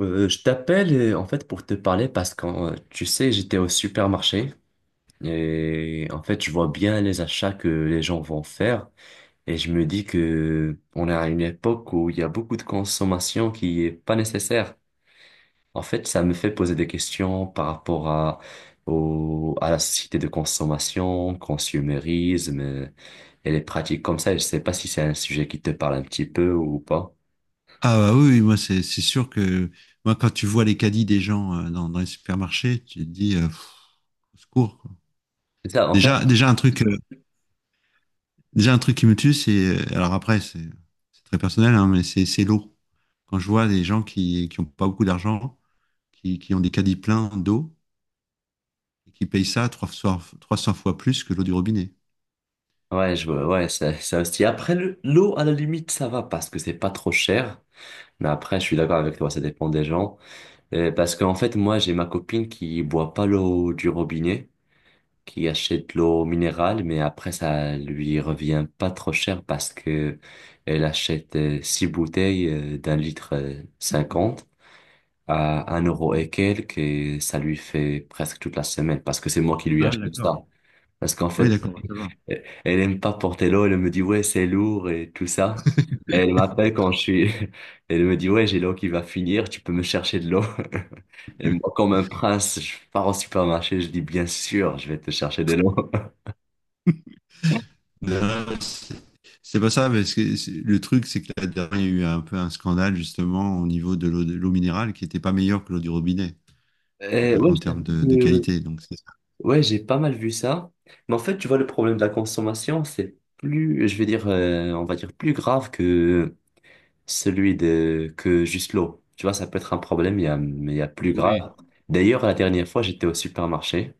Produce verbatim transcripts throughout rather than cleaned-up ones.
Euh, je t'appelle euh, en fait pour te parler parce que euh, tu sais, j'étais au supermarché et en fait, je vois bien les achats que les gens vont faire et je me dis que on est à une époque où il y a beaucoup de consommation qui est pas nécessaire. En fait, ça me fait poser des questions par rapport à au, à la société de consommation, consumérisme, euh, et les pratiques comme ça. Je sais pas si c'est un sujet qui te parle un petit peu ou pas. Ah, bah oui, oui, moi c'est c'est sûr que moi, quand tu vois les caddies des gens, euh, dans, dans les supermarchés, tu te dis, euh, pff, au secours, quoi. C'est ça, en. Déjà déjà un truc euh, déjà un truc qui me tue, c'est euh, alors après, c'est c'est très personnel, hein, mais c'est c'est l'eau. Quand je vois des gens qui qui ont pas beaucoup d'argent, qui qui ont des caddies pleins d'eau et qui payent ça trois fois trois cents fois plus que l'eau du robinet. Ouais, je vois, ouais, ça, ça aussi. Après, le- l'eau, à la limite, ça va parce que c'est pas trop cher. Mais après, je suis d'accord avec toi, ça dépend des gens. Euh, parce qu'en fait, moi, j'ai ma copine qui boit pas l'eau du robinet, qui achète l'eau minérale, mais après, ça lui revient pas trop cher parce que elle achète euh, six bouteilles euh, d'un litre euh, cinquante à un euro et quelques, et ça lui fait presque toute la semaine parce que c'est moi qui lui Ah oui, achète d'accord. ça. Parce qu'en Oui, fait, d'accord, ça va. elle elle aime pas porter l'eau, elle me dit ouais, c'est lourd et tout ça. Et elle m'appelle quand je suis, elle me dit ouais, j'ai l'eau qui va finir, tu peux me chercher de l'eau. Et moi, comme un prince, je pars au supermarché, je dis bien sûr, je vais te chercher de l'eau. Non, c'est c'est pas ça, parce que c'est- le truc, c'est que la dernière, il y a eu un peu un scandale, justement, au niveau de l'eau de l'eau minérale, qui n'était pas meilleure que l'eau du robinet, euh, Et ouais, en je termes t'avoue de, de que, qualité. Donc c'est ça. ouais, j'ai pas mal vu ça. Mais en fait, tu vois, le problème de la consommation, c'est plus, je vais dire, euh, on va dire plus grave que celui de, que juste l'eau. Tu vois, ça peut être un problème, il y a, mais il y a plus grave. D'ailleurs, la dernière fois, j'étais au supermarché.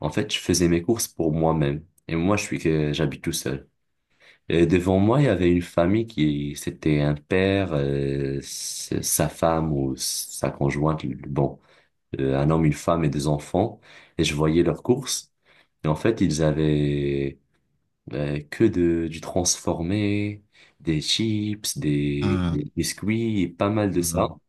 En fait, je faisais mes courses pour moi-même. Et moi, je suis que j'habite tout seul. Et devant moi, il y avait une famille qui, c'était un père, euh, s- sa femme ou sa conjointe, bon, euh, un homme, une femme et deux enfants. Et je voyais leurs courses. Et en fait, ils avaient euh, que de, du transformé, des chips, des, Ah, des biscuits, et pas mal de ça. ah,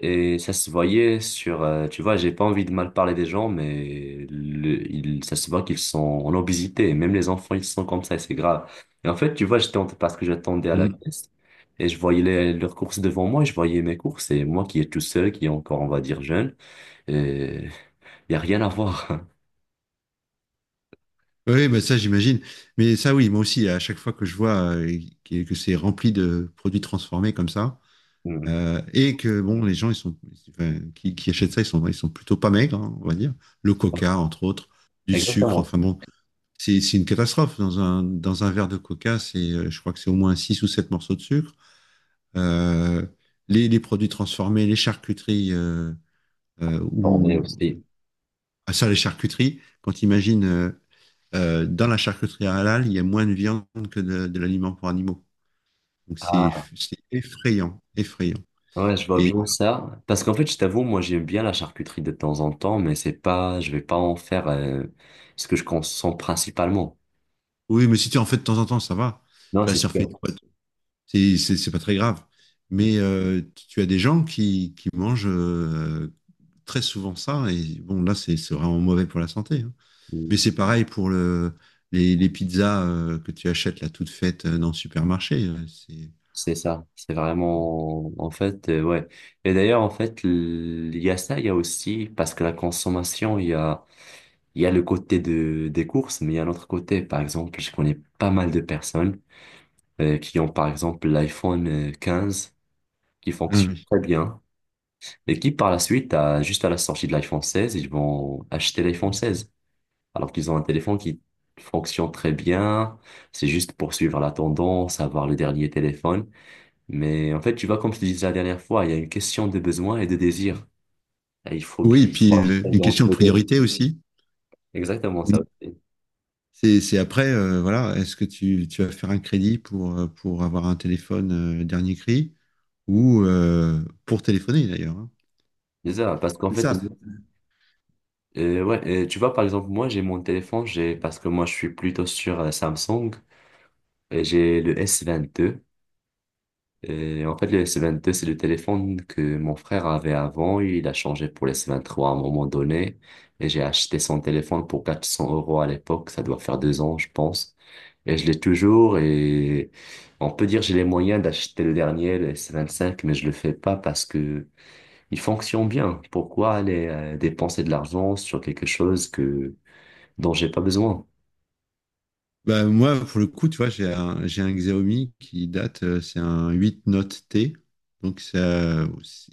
Et ça se voyait sur, euh, tu vois, j'ai pas envie de mal parler des gens, mais le, il, ça se voit qu'ils sont en obésité. Et même les enfants, ils sont comme ça et c'est grave. Et en fait, tu vois, j'étais en- parce que j'attendais à la hmm. caisse et je voyais les- leurs courses devant moi et je voyais mes courses. Et moi qui est tout seul, qui est encore, on va dire, jeune, et y a rien à voir. Oui, bah, ça j'imagine. Mais ça oui, moi aussi, à chaque fois que je vois, euh, que, que c'est rempli de produits transformés comme ça, Hmm. euh, et que, bon, les gens ils sont, enfin, qui, qui achètent ça, ils sont, ils sont plutôt pas maigres, hein, on va dire. Le coca, entre autres, du sucre, Exactement. C'est. enfin bon. C'est c'est une catastrophe. Dans un, dans un verre de coca, c'est, euh, je crois que c'est au moins six ou sept morceaux de sucre. Euh, les, les produits transformés, les charcuteries, euh, euh, Formé ou aussi. ah, ça, les charcuteries, quand imagine, euh, euh, dans la charcuterie halal, il y a moins de viande que de, de l'aliment pour animaux. Donc c'est c'est effrayant, effrayant. Ouais, je vois Et bien ça. Parce qu'en fait, je t'avoue, moi, j'aime bien la charcuterie de temps en temps, mais c'est pas, je vais pas en faire, euh, ce que je consomme principalement. oui, mais si tu en fais de temps en temps, ça va. Non, Tu vas c'est surfer une sûr. fois, c'est c'est- c'est pas très grave. Mais, euh, tu as des gens qui, qui mangent, euh, très souvent, ça. Et bon, là, c'est c'est vraiment mauvais pour la santé, hein. Mais c'est pareil pour le, les, les pizzas, euh, que tu achètes là toutes faites, euh, dans le supermarché. euh, c'est... C'est ça. C'est vraiment, en fait, euh, ouais. Et d'ailleurs, en fait, l- il y a ça, il y a aussi, parce que la consommation, il y a, il y a le côté de, des courses, mais il y a l'autre côté. Par exemple, je connais pas mal de personnes, euh, qui ont, par exemple, l'iPhone, euh, quinze qui Ah fonctionne oui. très bien. Et qui par la suite, à- juste à la sortie de l'iPhone seize, ils vont acheter l'iPhone seize. Alors qu'ils ont un téléphone qui fonctionne très bien, c'est juste pour suivre la tendance, avoir le dernier téléphone. Mais en fait, tu vois, comme je te disais la dernière fois, il y a une question de besoin et de désir. Et il faut bien Oui, et puis, pouvoir euh, une trouver entre question de les deux. priorité aussi. Exactement ça aussi. C'est c'est après, euh, voilà, est-ce que tu, tu vas faire un crédit pour, euh, pour avoir un téléphone, euh, dernier cri, ou, euh, pour téléphoner d'ailleurs, hein. C'est ça, parce qu'en C'est fait, ça. euh, ouais, euh, tu vois, par exemple, moi, j'ai mon téléphone, j'ai, parce que moi, je suis plutôt sur euh, Samsung, et j'ai le S vingt-deux. Et en fait, le S vingt-deux, c'est le téléphone que mon frère avait avant. Il a changé pour le S vingt-trois à un moment donné. Et j'ai acheté son téléphone pour quatre cents euros à l'époque. Ça doit faire deux ans, je pense. Et je l'ai toujours. Et on peut dire j'ai les moyens d'acheter le dernier, le S vingt-cinq, mais je le fais pas parce que il fonctionne bien. Pourquoi aller euh, dépenser de l'argent sur quelque chose que, dont j'ai pas besoin? Bah, moi, pour le coup, tu vois, j'ai un, j'ai un Xiaomi qui date, euh, c'est un huit Note T. Donc, ça,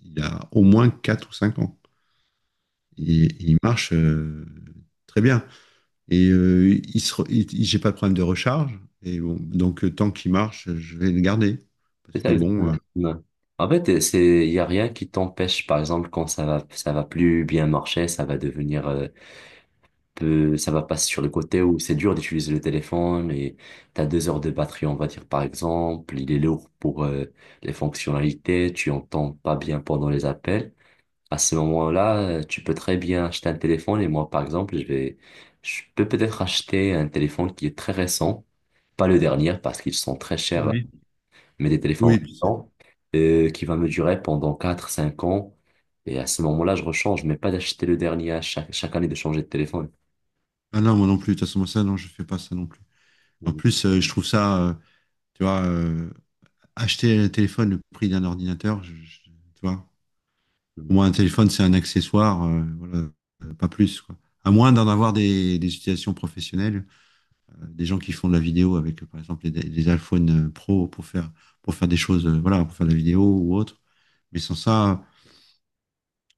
il a au moins quatre ou cinq ans. Et, et il marche, euh, très bien. Et, euh, il se re- il- il- j'ai pas de problème de recharge. Et bon, donc, euh, tant qu'il marche, je vais le garder. C'est Parce ça que, bon. euh, exactement. Ouais. En fait, euh, c'est il y a rien qui t'empêche par exemple quand ça va ça va plus bien marcher, ça va devenir, euh, peu ça va passer sur le côté où c'est dur d'utiliser le téléphone et t'as deux heures de batterie, on va dire par exemple, il est lourd pour euh, les fonctionnalités, tu entends pas bien pendant les appels. À ce moment-là, euh, tu peux très bien acheter un téléphone et moi par exemple, je vais je peux peut-être acheter un téléphone qui est très récent, pas le dernier parce qu'ils sont très chers, Oui. mais des téléphones Oui. puis c'est- récents, euh, qui va me durer pendant quatre cinq ans. Et à ce moment-là, je rechange, mais pas d'acheter le dernier à chaque, chaque année de changer de téléphone. Ah non, moi non plus. De toute façon, moi, ça, non, je fais pas ça non plus. En plus, euh, je trouve ça, euh, tu vois, euh, acheter un téléphone le prix d'un ordinateur, je- je- tu vois. Pour Mhm. moi, un téléphone, c'est un accessoire, euh, voilà, euh, pas plus, quoi. À moins d'en avoir des, des utilisations professionnelles, euh, des gens qui font de la vidéo avec, euh, par exemple, les, les iPhone, euh, Pro, pour faire, pour faire des choses, euh, voilà, pour faire de la vidéo ou autre. Mais sans ça,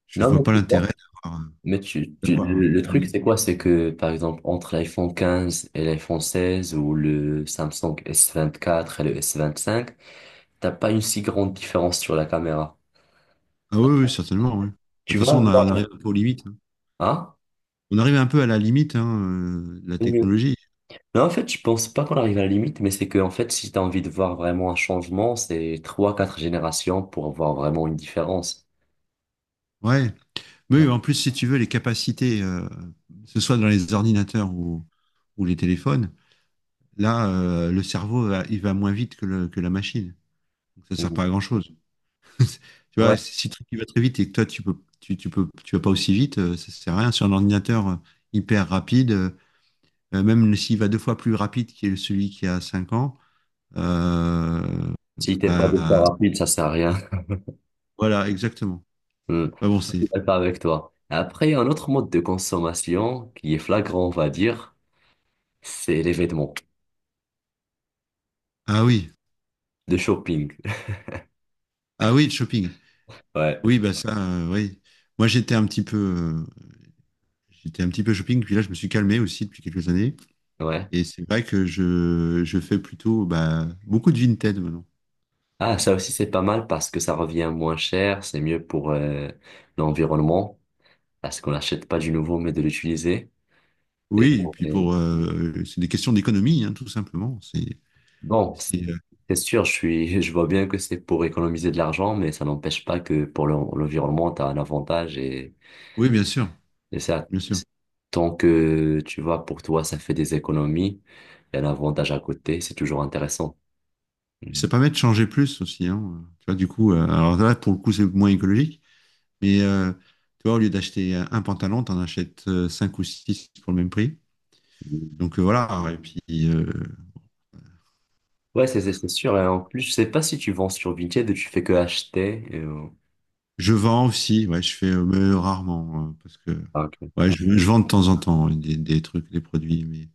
je Non, mais vois pas tu l'intérêt vois, d'avoir. euh, mais tu, tu- d'avoir le le truc, un- c'est quoi? C'est que, par exemple, entre l'iPhone quinze et l'iPhone seize ou le Samsung S vingt-quatre et le S vingt-cinq, t'as pas une si grande différence sur la caméra. Ah oui, oui, certainement, oui. De Tu toute vas façon, on, a- on voir, arrive un peu aux limites, hein. hein? On arrive un peu à la limite, hein, euh, de la technologie. Non, en fait, je pense pas qu'on arrive à la limite, mais c'est que, en fait, si t'as envie de voir vraiment un changement, c'est trois, quatre générations pour avoir vraiment une différence. Ouais. Mais oui, Non. en plus, si tu veux, les capacités, euh, que ce soit dans les ordinateurs, ou, ou les téléphones, là, euh, le cerveau, va- il va moins vite que, le- que la machine. Donc, ça ne sert Mm. pas à grand-chose. Tu Ouais. vois, si si le truc il va très vite et que toi, tu peux, tu, tu peux, tu vas pas aussi vite, euh, ça sert à rien. Sur un ordinateur, euh, hyper rapide, euh, euh, même s'il va deux fois plus rapide que celui qui a cinq ans, euh, Si t'es pas beaucoup bah, rapide, ça sert à rien. voilà, exactement. Mm. Ah bon, Je c'est. suis d'accord avec toi. Après, un autre mode de consommation qui est flagrant, on va dire, c'est les vêtements, Ah oui, de shopping. ah oui, le shopping. Ouais, Oui, bah ça, euh, oui. Moi, j'étais un petit peu, euh, j'étais un petit peu shopping, puis là, je me suis calmé aussi depuis quelques années. ouais. Et c'est vrai que je, je fais plutôt, bah, beaucoup de Vinted maintenant. Ah, ça aussi, c'est pas mal parce que ça revient moins cher, c'est mieux pour, euh, l'environnement, parce qu'on n'achète pas du nouveau, mais de l'utiliser. Et, Oui, et puis, euh, pour euh, c'est des questions d'économie, hein, tout simplement. C'est, bon. c'est, euh, C'est sûr, je suis, je vois bien que c'est pour économiser de l'argent, mais ça n'empêche pas que pour l'en- l'environnement, tu as un avantage et, oui, bien sûr, et ça, bien sûr. tant que tu vois, pour toi, ça fait des économies, il y a un avantage à côté, c'est toujours intéressant. Puis Mm. ça permet de changer plus aussi, hein. Tu vois, du coup, euh, alors là, pour le coup, c'est moins écologique. Mais, euh, tu vois, au lieu d'acheter un pantalon, tu en achètes, euh, cinq ou six pour le même prix. Donc, euh, voilà. Et puis, euh, Ouais, c'est c'est- c'est sûr. Et en plus, je sais pas si tu vends sur Vinted ou tu fais que acheter. Et, euh, je vends aussi. Ouais, je fais, euh, mais rarement, euh, parce que ah, ok. ouais, je, je vends de temps en temps, ouais, des, des trucs, des produits, mais,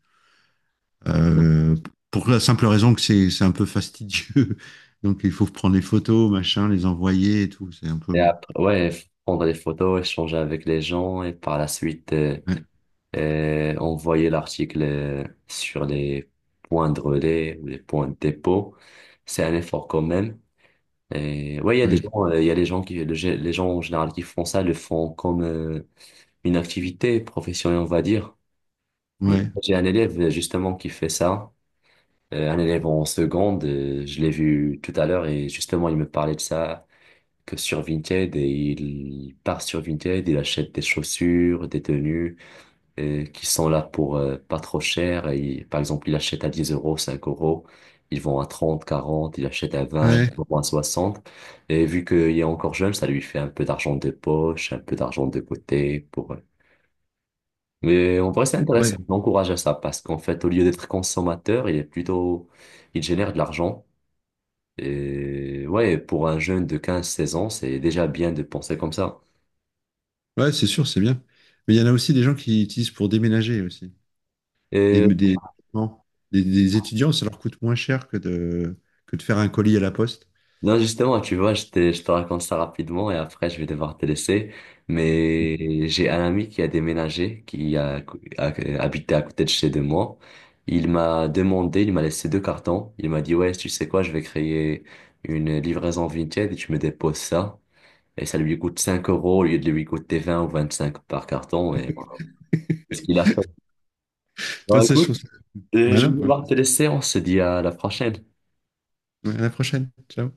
Non. euh, pour la simple raison que c'est c'est un peu fastidieux. Donc il faut prendre les photos, machin, les envoyer et tout. C'est un peu, Et bon. après, ouais, f- prendre des photos, échanger avec les gens et par la suite, euh, Ouais, et envoyer l'article, euh, sur les points de relais ou les points de dépôt. C'est un effort quand même. Et ouais, il y a des ouais, gens, euh, il y a des gens qui, le gé- les gens en général qui font ça, le font comme euh, une activité professionnelle, on va dire. Mais ouais, j'ai un élève, euh, justement qui fait ça. Euh, un élève en seconde, euh, je l'ai vu tout à l'heure et justement il me parlait de ça, que sur Vinted et il part sur Vinted, il achète des chaussures, des tenues, euh, qui sont là pour euh, pas trop cher. Et, ils- par exemple, ils achètent à dix euros, cinq euros. Ils vont à trente, quarante, ils achètent à vingt, ouais, à soixante. Et vu qu'il est encore jeune, ça lui fait un peu d'argent de poche, un peu d'argent de côté pour... euh. Mais en vrai, c'est intéressant. ouais. Je l'encourage à ça parce qu'en fait, au lieu d'être consommateur, il est plutôt. Il génère de l'argent. Et ouais, pour un jeune de 15-16 ans, c'est déjà bien de penser comme ça. Ouais, c'est sûr, c'est bien. Mais il y en a aussi, des gens qui utilisent pour déménager aussi. Des, Et. des, non, des, des étudiants, ça leur coûte moins cher que de, que de faire un colis à la poste. Non, justement, tu vois, je te, je te raconte ça rapidement et après, je vais devoir te laisser. Mais j'ai un ami qui a déménagé, qui a, a- habité à côté de chez de moi. Il m'a demandé, il m'a laissé deux cartons. Il m'a dit, ouais, tu sais quoi, je vais créer une livraison Vinted et tu me déposes ça. Et ça lui coûte cinq euros au lieu de lui coûter vingt ou cinq par carton. Et voilà. C'est ce qu'il a fait. Bon, Ouais, ça, je écoute, trouve ça euh, je malin, vais quoi. devoir te laisser. On se dit à la prochaine. Ouais, à la prochaine. Ciao.